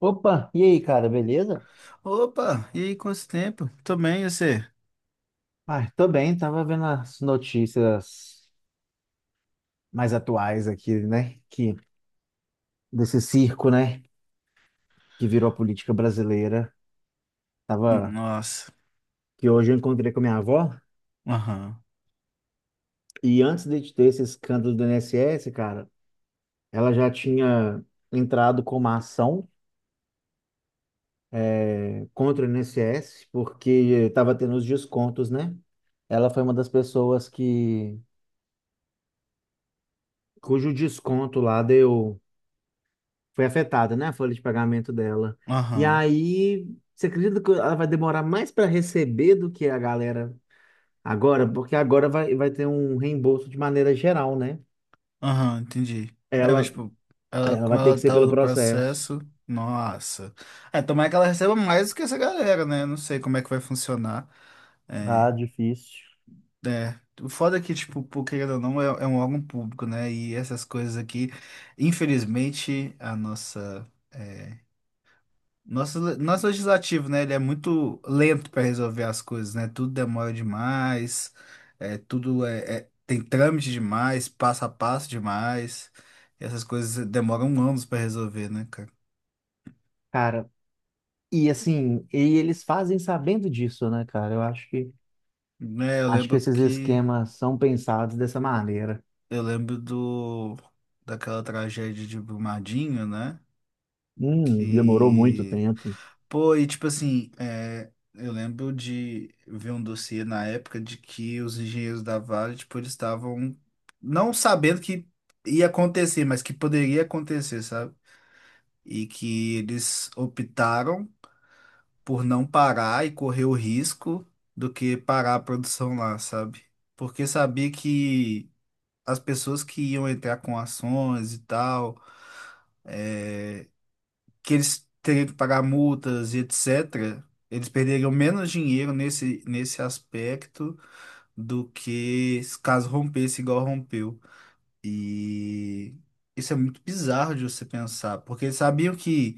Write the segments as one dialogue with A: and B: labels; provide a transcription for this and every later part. A: Opa, e aí, cara, beleza?
B: Opa, e aí, quanto tempo? Tô bem, e você?
A: Ah, tô bem, tava vendo as notícias mais atuais aqui, né? Que desse circo, né? Que virou a política brasileira. Tava
B: Nossa,
A: que hoje eu encontrei com a minha avó
B: aham,
A: e antes de ter esse escândalo do INSS, cara, ela já tinha entrado com uma ação contra o INSS porque tava tendo os descontos, né? Ela foi uma das pessoas que cujo desconto lá deu foi afetada, né, a folha de pagamento dela. E
B: aham,
A: aí, você acredita que ela vai demorar mais para receber do que a galera agora? Porque agora vai ter um reembolso de maneira geral, né?
B: aham, entendi. É, mas,
A: Ela,
B: tipo,
A: ela
B: como
A: vai ter
B: ela
A: que ser
B: tava
A: pelo
B: no
A: processo.
B: processo, nossa. É, tomara que ela receba mais do que essa galera, né? Não sei como é que vai funcionar. É,
A: Ah, difícil.
B: é. O foda é que, tipo, por querendo ou não, é um órgão público, né? E essas coisas aqui, infelizmente, a nossa. É, Nosso, nosso legislativo, né? Ele é muito lento para resolver as coisas, né? Tudo demora demais, tudo tem trâmite demais, passo a passo demais. E essas coisas demoram anos para resolver, né, cara?
A: Cara, e assim, e eles fazem sabendo disso, né, cara? Eu acho que
B: Né,
A: acho que esses esquemas são pensados dessa maneira.
B: eu lembro do daquela tragédia de Brumadinho, né?
A: Demorou muito
B: Que
A: tempo.
B: Pô, e tipo assim, eu lembro de ver um dossiê na época de que os engenheiros da Vale, tipo, eles estavam não sabendo que ia acontecer, mas que poderia acontecer, sabe? E que eles optaram por não parar e correr o risco do que parar a produção lá, sabe? Porque sabia que as pessoas que iam entrar com ações e tal é, que eles teriam que pagar multas e etc., eles perderiam menos dinheiro nesse aspecto do que se caso rompesse igual rompeu. E isso é muito bizarro de você pensar, porque eles sabiam que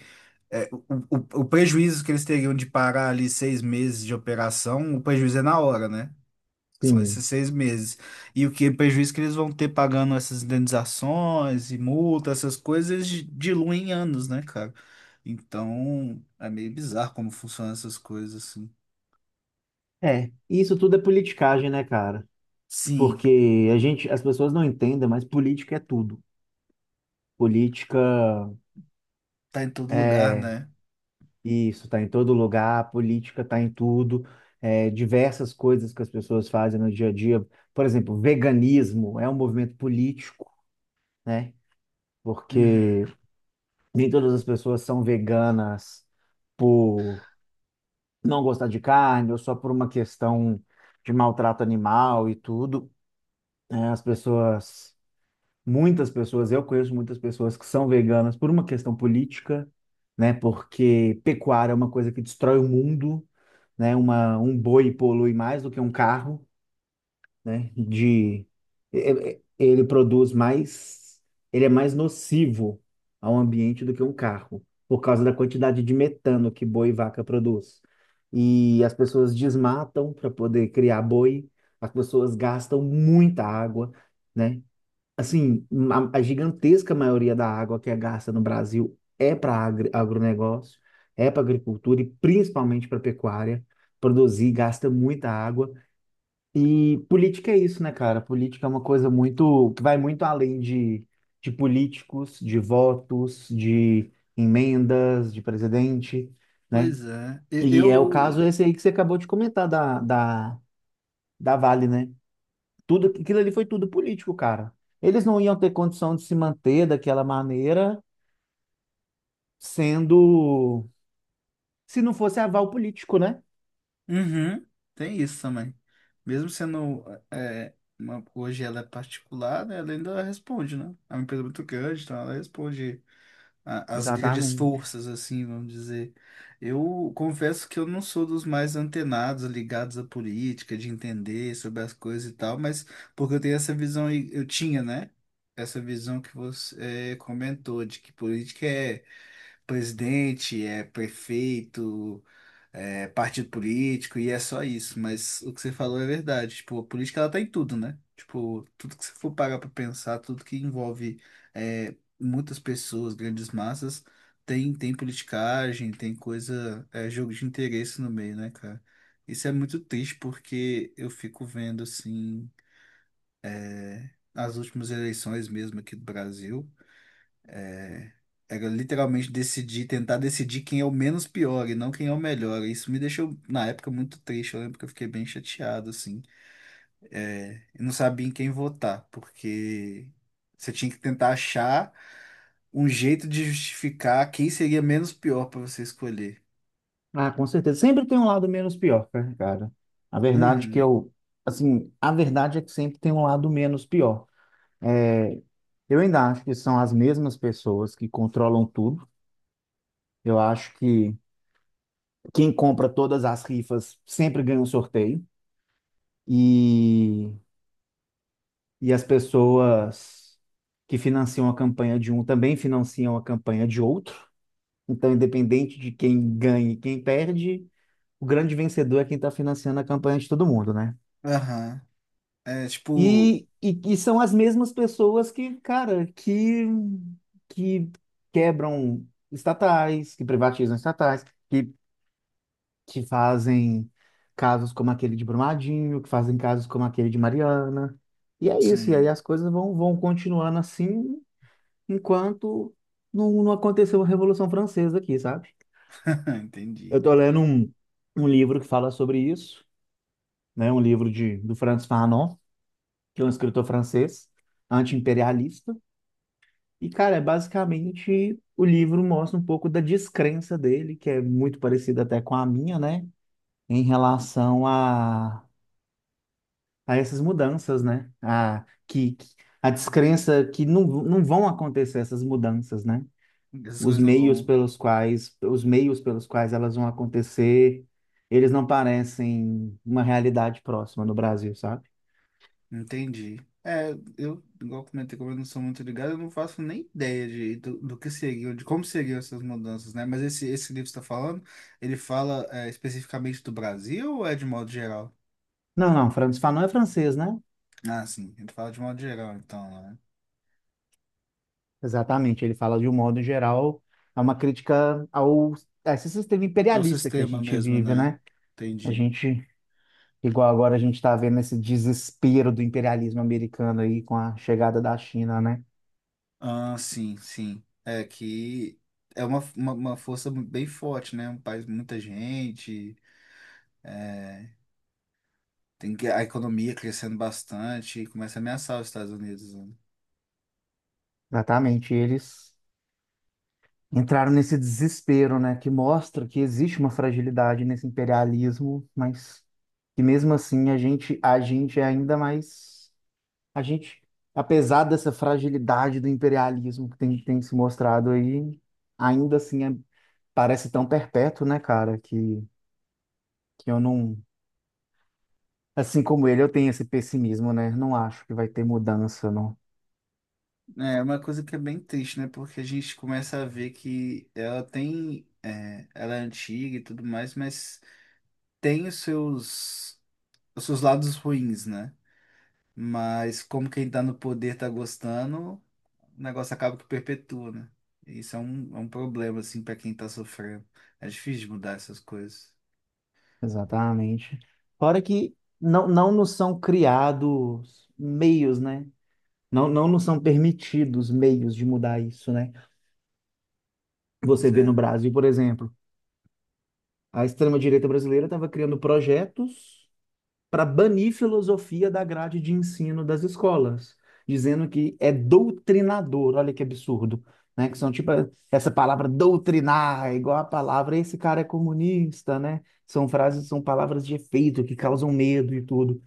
B: é, o, o prejuízo que eles teriam de parar ali 6 meses de operação, o prejuízo é na hora, né? São
A: Sim.
B: esses 6 meses. E o que prejuízo que eles vão ter pagando essas indenizações e multa, essas coisas, eles diluem em anos, né, cara? Então, é meio bizarro como funcionam essas coisas, assim.
A: É, isso tudo é politicagem, né, cara?
B: Sim,
A: Porque a gente, as pessoas não entendem, mas política é tudo. Política
B: tá em todo lugar,
A: é
B: né?
A: isso, tá em todo lugar, política tá em tudo, é, diversas coisas que as pessoas fazem no dia a dia. Por exemplo, veganismo é um movimento político, né?
B: Uhum.
A: Porque nem todas as pessoas são veganas por não gostar de carne ou só por uma questão de maltrato animal e tudo, né? As pessoas Muitas pessoas, eu conheço muitas pessoas que são veganas por uma questão política, né? Porque pecuária é uma coisa que destrói o mundo, né? Um boi polui mais do que um carro, né? E- Ele produz mais, ele é mais nocivo ao ambiente do que um carro, por causa da quantidade de metano que boi e vaca produz. E as pessoas desmatam para poder criar boi, as pessoas gastam muita água, né? Assim, a gigantesca maioria da água que é gasta no Brasil é para agronegócio, é para agricultura e principalmente para pecuária. Produzir gasta muita água. E política é isso, né, cara? Política é uma coisa muito, que vai muito além de políticos, de votos, de emendas, de presidente, né?
B: Pois é.
A: E é o caso
B: Eu.
A: esse aí que você acabou de comentar da Vale, né? Tudo, aquilo ali foi tudo político, cara. Eles não iam ter condição de se manter daquela maneira, sendo, se não fosse aval político, né?
B: Uhum. Tem isso também. Mesmo sendo. Hoje ela é particular, né? Ela ainda responde, né? É uma empresa muito grande, então ela responde as grandes
A: Exatamente.
B: forças, assim, vamos dizer. Eu confesso que eu não sou dos mais antenados, ligados à política, de entender sobre as coisas e tal, mas porque eu tenho essa visão, eu tinha, né? Essa visão que você comentou, de que política é presidente, é prefeito, é partido político e é só isso. Mas o que você falou é verdade. Tipo, a política ela tá em tudo, né? Tipo, tudo que você for parar pra pensar, tudo que envolve é, muitas pessoas, grandes massas, tem politicagem, tem coisa, jogo de interesse no meio, né, cara? Isso é muito triste porque eu fico vendo, assim, as últimas eleições mesmo aqui do Brasil. Era literalmente decidir, tentar decidir quem é o menos pior e não quem é o melhor. Isso me deixou, na época, muito triste. Eu lembro que eu fiquei bem chateado, assim. Eu não sabia em quem votar, porque você tinha que tentar achar um jeito de justificar quem seria menos pior para você escolher.
A: Ah, com certeza. Sempre tem um lado menos pior, né, cara. A verdade que
B: Uhum.
A: eu, assim, a verdade é que sempre tem um lado menos pior. É, eu ainda acho que são as mesmas pessoas que controlam tudo. Eu acho que quem compra todas as rifas sempre ganha um sorteio. E e as pessoas que financiam a campanha de um também financiam a campanha de outro. Então, independente de quem ganha e quem perde, o grande vencedor é quem está financiando a campanha de todo mundo, né?
B: Aham. É tipo.
A: E são as mesmas pessoas que, cara, que quebram estatais, que privatizam estatais, que fazem casos como aquele de Brumadinho, que fazem casos como aquele de Mariana. E é isso, e aí
B: Sim.
A: as coisas vão continuando assim enquanto não aconteceu a Revolução Francesa aqui, sabe?
B: Entendi.
A: Eu tô lendo um livro que fala sobre isso, né? Um livro de, do Frantz Fanon, que é um escritor francês, anti-imperialista. E, cara, é basicamente o livro mostra um pouco da descrença dele, que é muito parecida até com a minha, né? Em relação a essas mudanças, né? A descrença que não vão acontecer essas mudanças, né?
B: Essas
A: Os
B: coisas não
A: meios
B: vão.
A: pelos quais, os meios pelos quais elas vão acontecer, eles não parecem uma realidade próxima no Brasil, sabe?
B: Entendi. É, eu, igual comentei, como eu não sou muito ligado, eu não faço nem ideia do que seguiu, de como seguiu essas mudanças, né? Mas esse livro que você está falando, ele fala especificamente do Brasil ou é de modo geral?
A: Não, não, Franz Fanon é francês, né?
B: Ah, sim, ele fala de modo geral, então, né?
A: Exatamente, ele fala de um modo geral, é uma crítica ao a esse sistema
B: É o
A: imperialista que a
B: sistema
A: gente
B: mesmo,
A: vive,
B: né?
A: né? A
B: Entendi.
A: gente, igual agora a gente está vendo esse desespero do imperialismo americano aí com a chegada da China, né?
B: Ah, sim, sim. É que é uma força bem forte, né? Um país, muita gente, tem que, a economia crescendo bastante, começa a ameaçar os Estados Unidos, né?
A: Exatamente, eles entraram nesse desespero, né, que mostra que existe uma fragilidade nesse imperialismo, mas que mesmo assim a gente é ainda mais a gente, apesar dessa fragilidade do imperialismo que tem, tem se mostrado aí, ainda assim parece tão perpétuo, né, cara, que eu não. Assim como ele, eu tenho esse pessimismo, né? Não acho que vai ter mudança, não.
B: É uma coisa que é bem triste, né? Porque a gente começa a ver que ela tem, ela é antiga e tudo mais, mas tem os seus lados ruins, né? Mas como quem tá no poder tá gostando, o negócio acaba que perpetua, né? E isso é um problema, assim, pra quem tá sofrendo. É difícil de mudar essas coisas.
A: Exatamente. Fora que não nos são criados meios, né? Não nos são permitidos meios de mudar isso, né? Você vê no
B: Zé.
A: Brasil, por exemplo, a extrema-direita brasileira estava criando projetos para banir filosofia da grade de ensino das escolas, dizendo que é doutrinador, olha que absurdo, né? Que são tipo essa palavra doutrinar, é igual a palavra esse cara é comunista, né? São frases, são palavras de efeito que causam medo e tudo.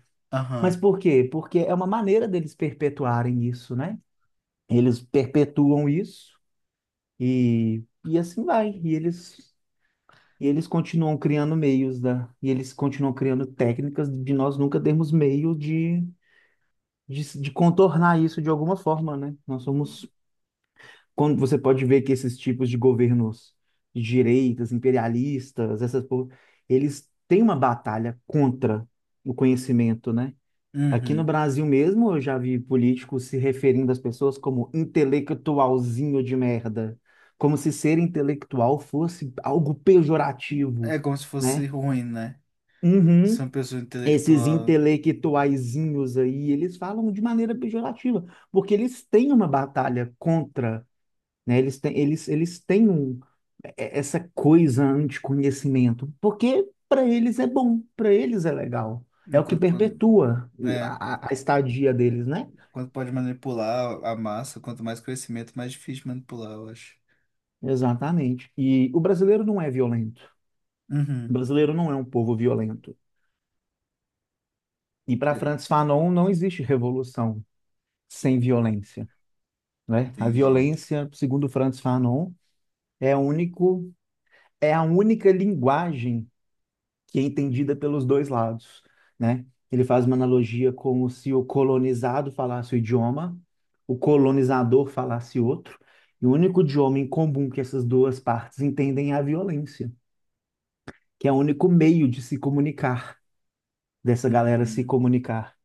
A: Mas
B: Aham.
A: por quê? Porque é uma maneira deles perpetuarem isso, né? Eles perpetuam isso. E assim vai. E eles continuam criando meios da, e eles continuam criando técnicas de nós nunca termos meio de contornar isso de alguma forma, né? Nós somos, quando você pode ver que esses tipos de governos de direitas, imperialistas, eles têm uma batalha contra o conhecimento, né? Aqui no
B: Uhum.
A: Brasil mesmo, eu já vi políticos se referindo às pessoas como intelectualzinho de merda, como se ser intelectual fosse algo pejorativo,
B: É como se fosse
A: né?
B: ruim, né? Ser
A: Uhum.
B: uma pessoa
A: Esses
B: intelectual,
A: intelectuaizinhos aí, eles falam de maneira pejorativa, porque eles têm uma batalha contra, né? Eles têm, eles têm um, é- Essa coisa anticonhecimento, porque para eles é bom, para eles é legal. É o que
B: enquanto,
A: perpetua
B: é,
A: a estadia deles, né?
B: quanto pode manipular a massa, quanto mais conhecimento mais difícil de manipular, eu acho.
A: Exatamente. E o brasileiro não é violento. O
B: Uhum.
A: brasileiro não é um povo violento. E para
B: É,
A: Frantz Fanon não existe revolução sem violência, né? A
B: entendi.
A: violência, segundo Frantz Fanon, é o único, é a única linguagem que é entendida pelos dois lados, né? Ele faz uma analogia como se o colonizado falasse o idioma, o colonizador falasse outro, e o único idioma em comum que essas duas partes entendem é a violência, que é o único meio de se comunicar. Dessa galera se
B: Hum,
A: comunicar.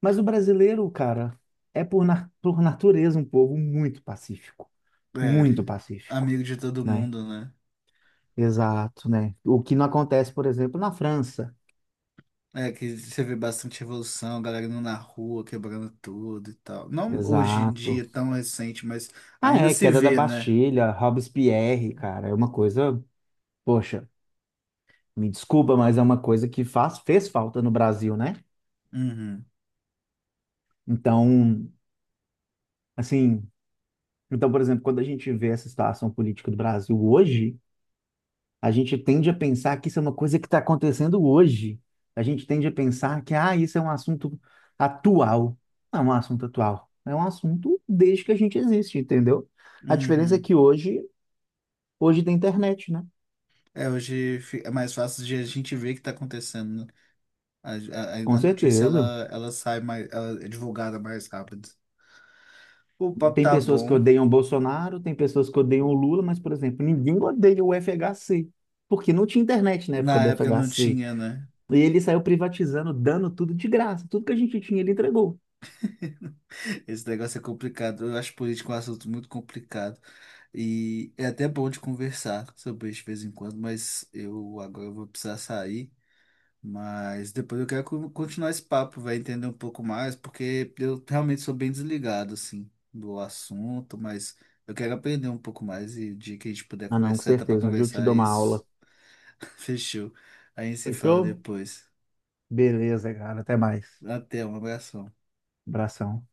A: Mas o brasileiro, cara, é por, na- por natureza um povo
B: é,
A: muito pacífico,
B: amigo de todo
A: né?
B: mundo, né?
A: Exato, né? O que não acontece, por exemplo, na França.
B: É, que você vê bastante revolução, galera indo na rua, quebrando tudo e tal. Não hoje em
A: Exato.
B: dia tão recente, mas
A: Ah,
B: ainda
A: é,
B: se
A: queda da
B: vê, né?
A: Bastilha, Robespierre, cara, é uma coisa, poxa, me desculpa, mas é uma coisa que fez falta no Brasil, né?
B: Uhum,
A: Então, assim, então, por exemplo, quando a gente vê essa situação política do Brasil hoje, a gente tende a pensar que isso é uma coisa que está acontecendo hoje. A gente tende a pensar que, ah, isso é um assunto atual. Não é um assunto atual. É um assunto desde que a gente existe, entendeu? A diferença é
B: uhum.
A: que hoje tem internet, né?
B: É, hoje é mais fácil de a gente ver o que tá acontecendo, né? A, a,
A: Com
B: a notícia, ela,
A: certeza.
B: ela sai mais, ela é divulgada mais rápido. O papo
A: Tem
B: tá
A: pessoas que
B: bom.
A: odeiam o Bolsonaro, tem pessoas que odeiam o Lula, mas, por exemplo, ninguém odeia o FHC, porque não tinha internet na época
B: Na
A: do
B: época não
A: FHC.
B: tinha, né?
A: E ele saiu privatizando, dando tudo de graça. Tudo que a gente tinha, ele entregou.
B: Esse negócio é complicado. Eu acho política um assunto muito complicado. E é até bom de conversar sobre isso de vez em quando, mas eu agora vou precisar sair. Mas depois eu quero continuar esse papo, vai entender um pouco mais, porque eu realmente sou bem desligado, assim, do assunto, mas eu quero aprender um pouco mais e o dia que a gente puder
A: Ah, não, com
B: conversar, tá pra
A: certeza. Um dia eu te
B: conversar
A: dou
B: é
A: uma
B: isso,
A: aula.
B: fechou. Aí se fala
A: Fechou?
B: depois.
A: Beleza, cara. Até mais.
B: Até, um abração.
A: Abração.